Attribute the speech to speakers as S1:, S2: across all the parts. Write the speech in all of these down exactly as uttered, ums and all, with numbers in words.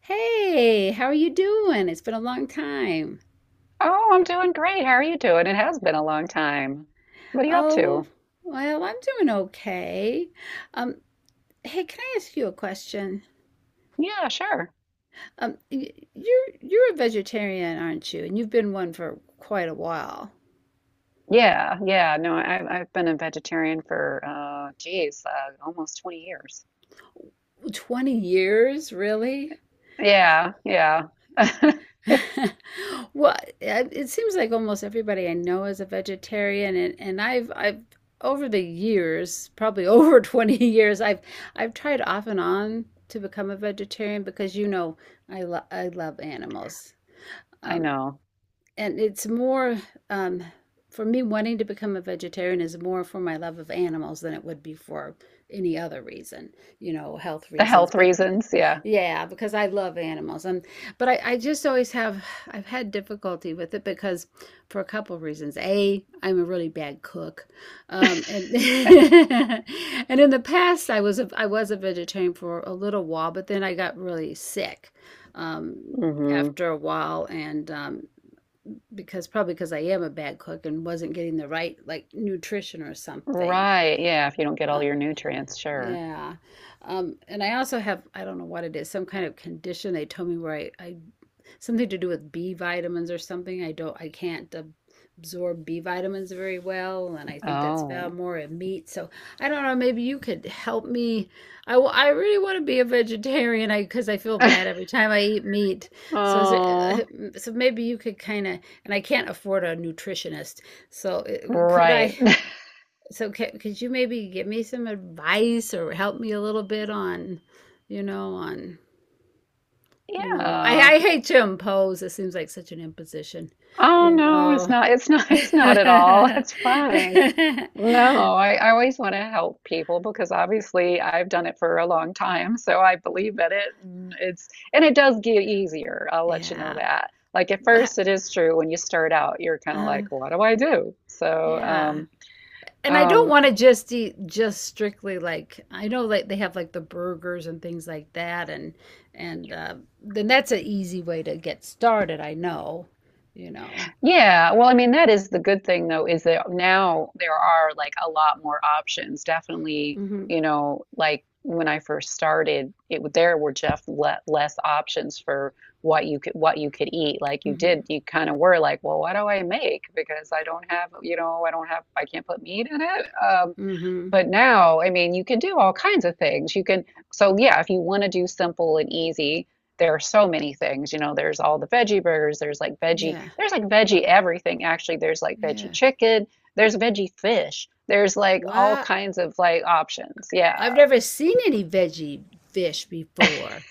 S1: Hey, how are you doing? It's been a long time.
S2: Oh, I'm doing great. How are you doing? It has been a long time. What are you up
S1: Oh,
S2: to?
S1: well, I'm doing okay. Um, hey, can I ask you a question?
S2: Yeah, sure.
S1: Um, y- you're you're a vegetarian, aren't you? And you've been one for quite a while.
S2: Yeah, yeah. No, I, I've been a vegetarian for, uh, geez, uh, almost twenty years.
S1: twenty years, really?
S2: Yeah, yeah.
S1: Well, it it seems like almost everybody I know is a vegetarian, and and I've I've over the years, probably over twenty years, I've I've tried off and on to become a vegetarian because you know I lo I love animals.
S2: I
S1: Um,
S2: know.
S1: and it's more um, for me, wanting to become a vegetarian is more for my love of animals than it would be for any other reason, you know, health
S2: The
S1: reasons.
S2: health
S1: But
S2: reasons. Yeah.
S1: yeah, because I love animals. And but I, I just always have, I've had difficulty with it because, for a couple of reasons. A, I'm a really bad cook. Um and and in the past I was a I was a vegetarian for a little while, but then I got really sick um
S2: Hmm.
S1: after a while, and um because probably because I am a bad cook and wasn't getting the right like nutrition or something,
S2: Right. Yeah. If you don't get
S1: uh,
S2: all your nutrients, sure.
S1: yeah. Um, and I also have, I don't know what it is, some kind of condition they told me where I, I something to do with B vitamins or something. I don't, I can't ab- absorb B vitamins very well, and I think that's found
S2: Oh.
S1: more in meat. So I don't know, maybe you could help me. I, wa- I really want to be a vegetarian, I because I feel bad every time I eat meat. So is
S2: Oh,
S1: it, so maybe you could kind of, and I can't afford a nutritionist. So it, could
S2: right.
S1: I? So ca- could you maybe give me some advice or help me a little bit on, you know, on, you know, I,
S2: Yeah.
S1: I hate to impose. It seems like such an imposition,
S2: Oh
S1: you
S2: no, it's
S1: know.
S2: not. It's not. It's not at all. It's fine. No, I, I always want to help people because obviously I've done it for a long time, so I believe in it. And it's and it does get easier. I'll let you know
S1: Yeah.
S2: that. Like at
S1: Wha-
S2: first, it is true when you start out, you're kind of
S1: Uh,
S2: like, "What do I do?" So,
S1: yeah.
S2: um,
S1: And I don't
S2: um,
S1: want to just eat just strictly, like I know like they have like the burgers and things like that, and and uh, then that's an easy way to get started, I know, you know.
S2: Yeah, well, I mean, that is the good thing though, is that now there are like a lot more options. Definitely,
S1: Hmm.
S2: you know, like when I first started, it w- there were just le less options for what you could what you could eat. Like you
S1: Hmm.
S2: did, you kind of were like, well, what do I make? Because I don't have, you know, I don't have, I can't put meat in it. Um,
S1: Hmm.
S2: but now, I mean, you can do all kinds of things. You can, so yeah, if you want to do simple and easy, there are so many things. You know, there's all the veggie burgers, there's like veggie,
S1: Yeah.
S2: there's like veggie everything, actually. There's like veggie
S1: Yeah.
S2: chicken, there's veggie fish, there's like all
S1: Wow.
S2: kinds of like options. Yeah.
S1: I've never seen any veggie fish before.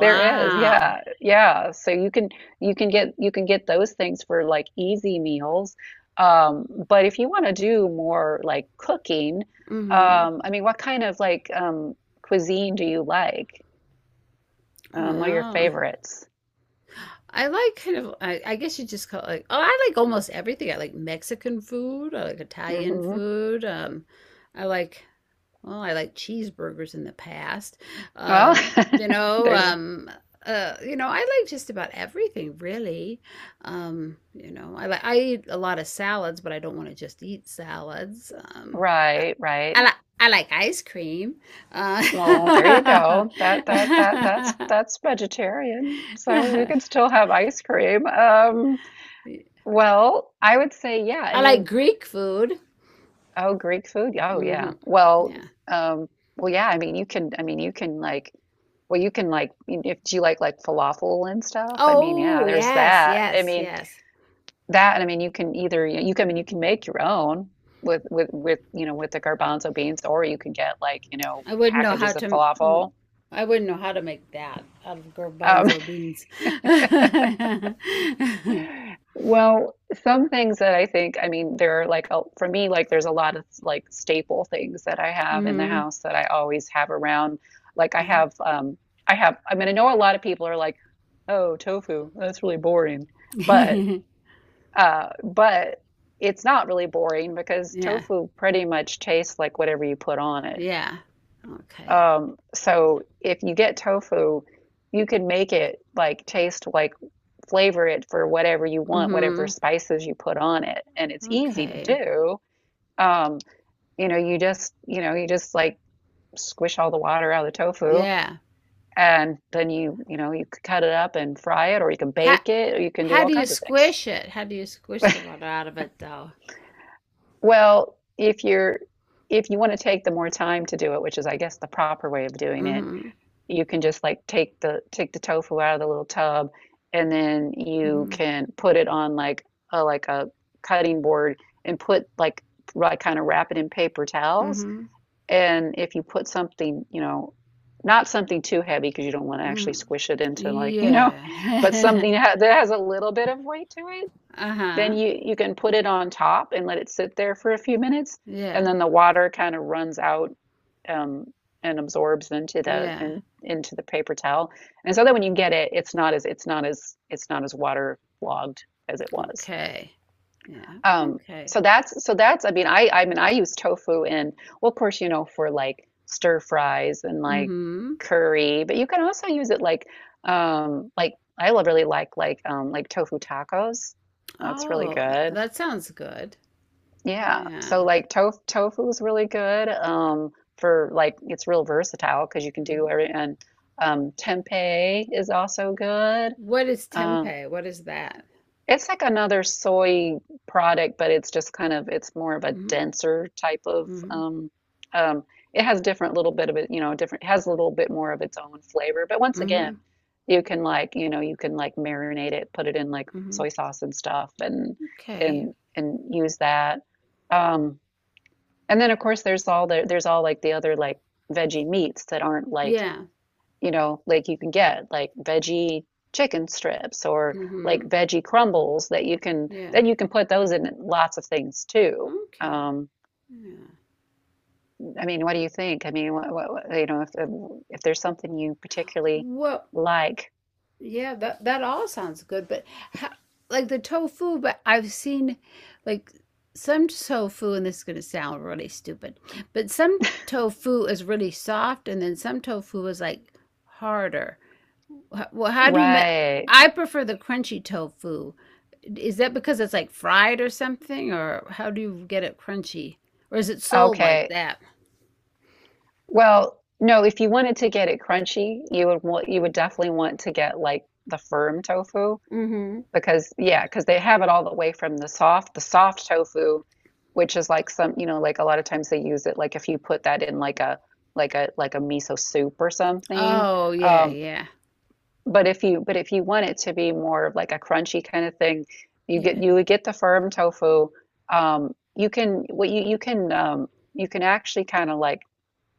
S2: There is, yeah, yeah. So you can you can get you can get those things for like easy meals. Um, but if you want to do more like cooking,
S1: Hmm.
S2: um, I mean, what kind of like um, cuisine do you like? Um, what are your
S1: Wow.
S2: favorites?
S1: I like kind of, I, I guess you just call it like, oh, I like almost everything. I like Mexican food. I like Italian
S2: Hmm.
S1: food. Um, I like Well, I like cheeseburgers in the past.
S2: Well,
S1: Um, you know,
S2: there's
S1: um, uh, you know, I like just about everything really. Um, you know, I like, I eat a lot of salads, but I don't want to just eat salads. Um,
S2: right, right.
S1: I, I like, I like ice cream. Uh,
S2: Well, there you go. That that that that's that's vegetarian. So you can still have ice cream. Um, well, I would say yeah. I
S1: I like
S2: mean.
S1: Greek food.
S2: Oh, Greek food? Oh,
S1: Hmm.
S2: yeah. Well,
S1: Yeah.
S2: um, well, yeah. I mean, you can. I mean, you can like. Well, you can like. If do you like like falafel and stuff? I mean, yeah.
S1: Oh,
S2: There's
S1: yes,
S2: that. I
S1: yes,
S2: mean,
S1: yes.
S2: that. And I mean, you can either you can. I mean, you can make your own with with with you know with the garbanzo beans, or you can get like you know
S1: I wouldn't know how
S2: packages of
S1: to.
S2: falafel.
S1: I I wouldn't know how to make that out of
S2: Um,
S1: garbanzo beans.
S2: Well, some things that I think, I mean, there are like, a, for me, like there's a lot of like staple things that I have in the
S1: Hmm.
S2: house that I always have around. Like I have, um, I have, I mean, I know a lot of people are like, oh, tofu, that's really boring. But, uh, but it's not really boring because
S1: Yeah.
S2: tofu pretty much tastes like whatever you put on it.
S1: Yeah. Okay.
S2: Um, so if you get tofu, you can make it like taste like flavor it for whatever you want, whatever
S1: Hmm.
S2: spices you put on it. And it's easy to
S1: Okay.
S2: do. Um, you know, you just, you know, you just like squish all the water out of the tofu
S1: Yeah.
S2: and then you, you know, you could cut it up and fry it or you can
S1: How
S2: bake it or you can do
S1: how
S2: all
S1: do you
S2: kinds of things.
S1: squish it? How do you squish the water out of it though?
S2: Well, if you're if you want to take the more time to do it, which is I guess the proper way of doing it,
S1: Hmm.
S2: you can just like take the take the tofu out of the little tub and then you
S1: Hmm.
S2: can put it on like a like a cutting board and put like like kind of wrap it in paper towels,
S1: Hmm.
S2: and if you put something, you know, not something too heavy because you don't want to actually
S1: Hmm.
S2: squish it into like you know,
S1: Yeah.
S2: but something ha that has a little bit of weight to it, then
S1: Uh-huh.
S2: you you can put it on top and let it sit there for a few minutes, and
S1: Yeah.
S2: then the water kind of runs out, um, and absorbs into the
S1: Yeah.
S2: and in, into the paper towel. And so that when you get it, it's not as it's not as it's not as waterlogged as it was.
S1: Okay. Yeah.
S2: Um,
S1: Okay.
S2: so that's so that's, I mean I I mean I use tofu in, well, of course you know for like stir fries and like
S1: Mm-hmm.
S2: curry, but you can also use it like um like I really like like um like tofu tacos. That's really
S1: Oh, th-
S2: good.
S1: that sounds good.
S2: Yeah. So
S1: Yeah.
S2: like tof tofu is really good um for like it's real versatile because you can do
S1: Mhm.
S2: every, and um tempeh is also good.
S1: What is
S2: Uh,
S1: tempeh? What is that?
S2: it's like another soy product, but it's just kind of it's more of a
S1: Mm-hmm.
S2: denser type of
S1: Mm-hmm.
S2: um um it has different little bit of it, you know, different it has a little bit more of its own flavor. But once
S1: Mm-hmm.
S2: again, you can like, you know, you can like marinate it, put it in like
S1: Hmm.
S2: soy sauce and stuff and
S1: Okay.
S2: and and use that. Um and then of course there's all the there's all like the other like veggie meats that aren't like,
S1: Yeah.
S2: you know, like you can get like veggie chicken strips or like
S1: Mm-hmm.
S2: veggie crumbles that you can
S1: Yeah.
S2: then you can put those in lots of things too.
S1: Okay.
S2: Um,
S1: Yeah.
S2: I mean, what do you think? I mean, what, what, what- you know, if if there's something you particularly
S1: Well,
S2: like,
S1: yeah, that that all sounds good, but how, like the tofu, but I've seen, like some tofu, and this is going to sound really stupid, but some tofu is really soft, and then some tofu is like harder. Wh- Well, how do you make?
S2: right?
S1: I prefer the crunchy tofu. Is that because it's like fried or something, or how do you get it crunchy? Or is it sold like
S2: Okay.
S1: that?
S2: Well, no, if you wanted to get it crunchy, you would want you would definitely want to get like the firm tofu
S1: Mm-hmm.
S2: because yeah, because they have it all the way from the soft, the soft tofu, which is like some, you know, like a lot of times they use it like if you put that in like a like a like a miso soup or something.
S1: Oh, yeah,
S2: Um,
S1: yeah,
S2: but if you but if you want it to be more of like a crunchy kind of thing, you
S1: yeah.
S2: get you would get the firm tofu. Um, you can what you you can um, you can actually kind of like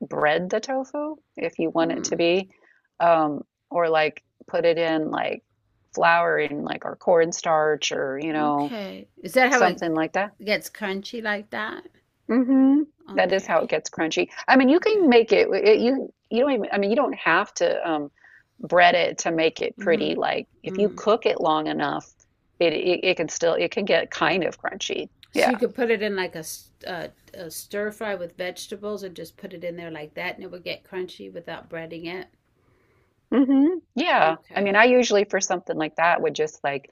S2: bread the tofu if you want it to
S1: Hmm.
S2: be, um, or like put it in like flour and like or cornstarch or you know
S1: Okay. Is that how it
S2: something like that.
S1: gets crunchy like that?
S2: Mm-hmm. That is how
S1: Okay.
S2: it gets crunchy. I mean, you
S1: Okay.
S2: can make it, it you you don't even, I mean you don't have to um, bread it to make it
S1: Mm-hmm.
S2: pretty. Like if you
S1: Mm-hmm.
S2: cook it long enough, it it, it can still it can get kind of crunchy.
S1: So you
S2: Yeah.
S1: could put it in like a, s- uh, a stir fry with vegetables and just put it in there like that and it would get crunchy without breading it.
S2: Hmm. Yeah. I mean,
S1: Okay.
S2: I usually for something like that would just like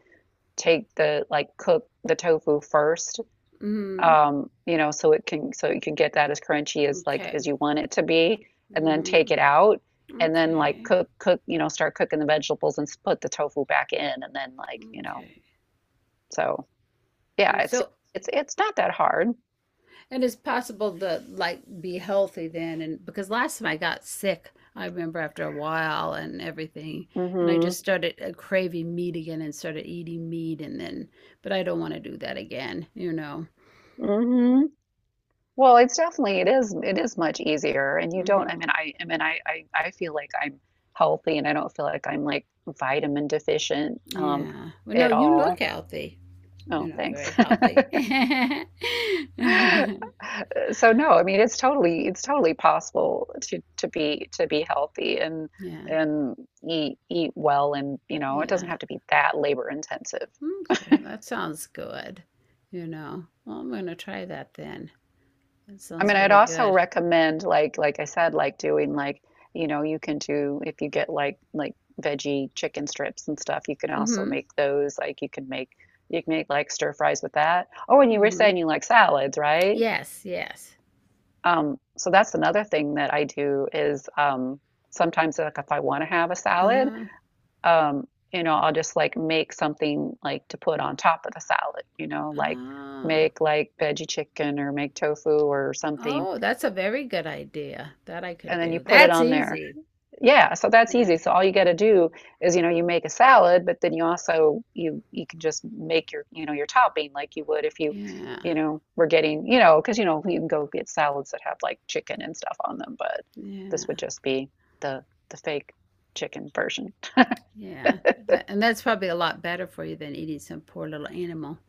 S2: take the like cook the tofu first,
S1: Mm-hmm.
S2: um, you know so it can so you can get that as crunchy as like as
S1: Okay.
S2: you want it to be, and then take
S1: Mm-hmm.
S2: it out and then like
S1: Okay.
S2: cook cook you know start cooking the vegetables and put the tofu back in and then like you know
S1: Okay.
S2: so yeah
S1: And
S2: it's
S1: so,
S2: it's it's not that hard.
S1: and it's possible to like be healthy then. And because last time I got sick, I remember after a while and everything, and I
S2: Mhm.
S1: just started uh, craving meat again and started eating meat. And then, but I don't want to do that again, you know.
S2: Mhm. Well, it's definitely it is it is much easier and you don't,
S1: Hmm.
S2: I mean I I mean I I, I feel like I'm healthy and I don't feel like I'm like vitamin deficient um
S1: Yeah. Well, no,
S2: at
S1: you look
S2: all.
S1: healthy, you
S2: Oh,
S1: know, very
S2: thanks.
S1: healthy.
S2: So no, I mean it's totally it's totally possible to to be to be healthy and
S1: Yeah.
S2: and eat eat well, and you know it doesn't
S1: Yeah.
S2: have to be that labor intensive.
S1: Okay. That sounds good, you know. Well, I'm going to try that then. That
S2: I mean
S1: sounds
S2: I'd
S1: really
S2: also
S1: good.
S2: recommend like like I said like doing like you know you can do if you get like like veggie chicken strips and stuff you can also
S1: Mm-hmm.
S2: make those like you can make you can make like stir fries with that. Oh, and you were
S1: Mm-hmm.
S2: saying you like salads, right?
S1: Yes, yes.
S2: Um, so that's another thing that I do is, um, sometimes like if I want to have a salad,
S1: Uh-huh.
S2: um, you know, I'll just like make something like to put on top of the salad, you know, like
S1: Ah.
S2: make like veggie chicken or make tofu or something,
S1: Oh, that's a very good idea. That I could
S2: and then you
S1: do.
S2: put it
S1: That's
S2: on there.
S1: easy.
S2: Yeah, so that's
S1: Yeah.
S2: easy. So all you got to do is, you know, you make a salad, but then you also you you can just make your, you know, your topping like you would if you,
S1: Yeah.
S2: you know, were getting, you know, because you know, you can go get salads that have like chicken and stuff on them, but
S1: Yeah.
S2: this would just be the the fake chicken version.
S1: Yeah. That, and that's probably a lot better for you than eating some poor little animal.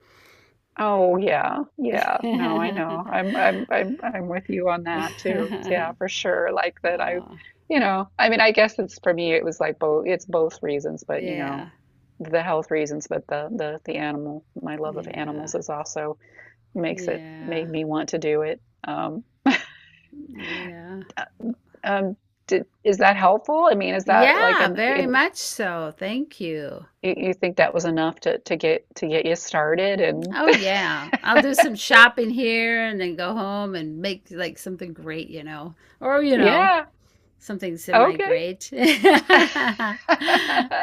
S2: Oh yeah, yeah. No, I know. I'm I'm I'm I'm with you on that too. Yeah, for sure. Like that I,
S1: Oh,
S2: you know, I mean, I guess it's for me it was like both, it's both reasons, but you know,
S1: yeah.
S2: the health reasons, but the the the animal, my love of
S1: Yeah.
S2: animals is also makes it
S1: Yeah.
S2: made me want to do it. Um
S1: Yeah.
S2: uh, um did, is that helpful? I mean, is that like
S1: Yeah,
S2: an
S1: very
S2: in
S1: much so. Thank you.
S2: you you think that was enough to to get to get you started and
S1: Oh yeah. I'll do some shopping here and then go home and make like something great, you know. Or, you know,
S2: yeah,
S1: something
S2: okay.
S1: semi-great.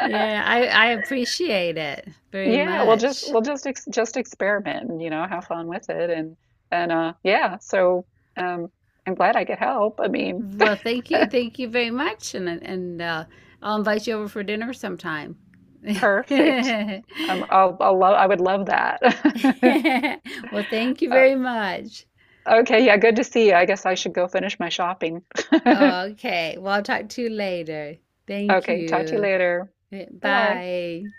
S1: Yeah, I I appreciate it very
S2: Yeah, well, just
S1: much.
S2: we'll just ex just experiment and you know have fun with it and and uh yeah. So um, I'm glad I could help. I mean,
S1: Well, thank you. Thank you very much and and uh, I'll invite you over for dinner sometime.
S2: perfect. Um, I'll I'll love I would love that.
S1: Well, thank you
S2: Uh,
S1: very much.
S2: okay, yeah, good to see you. I guess I should go finish my shopping.
S1: Oh, okay. Well, I'll talk to you later. Thank
S2: Okay, talk to you
S1: you.
S2: later. Bye bye.
S1: Bye.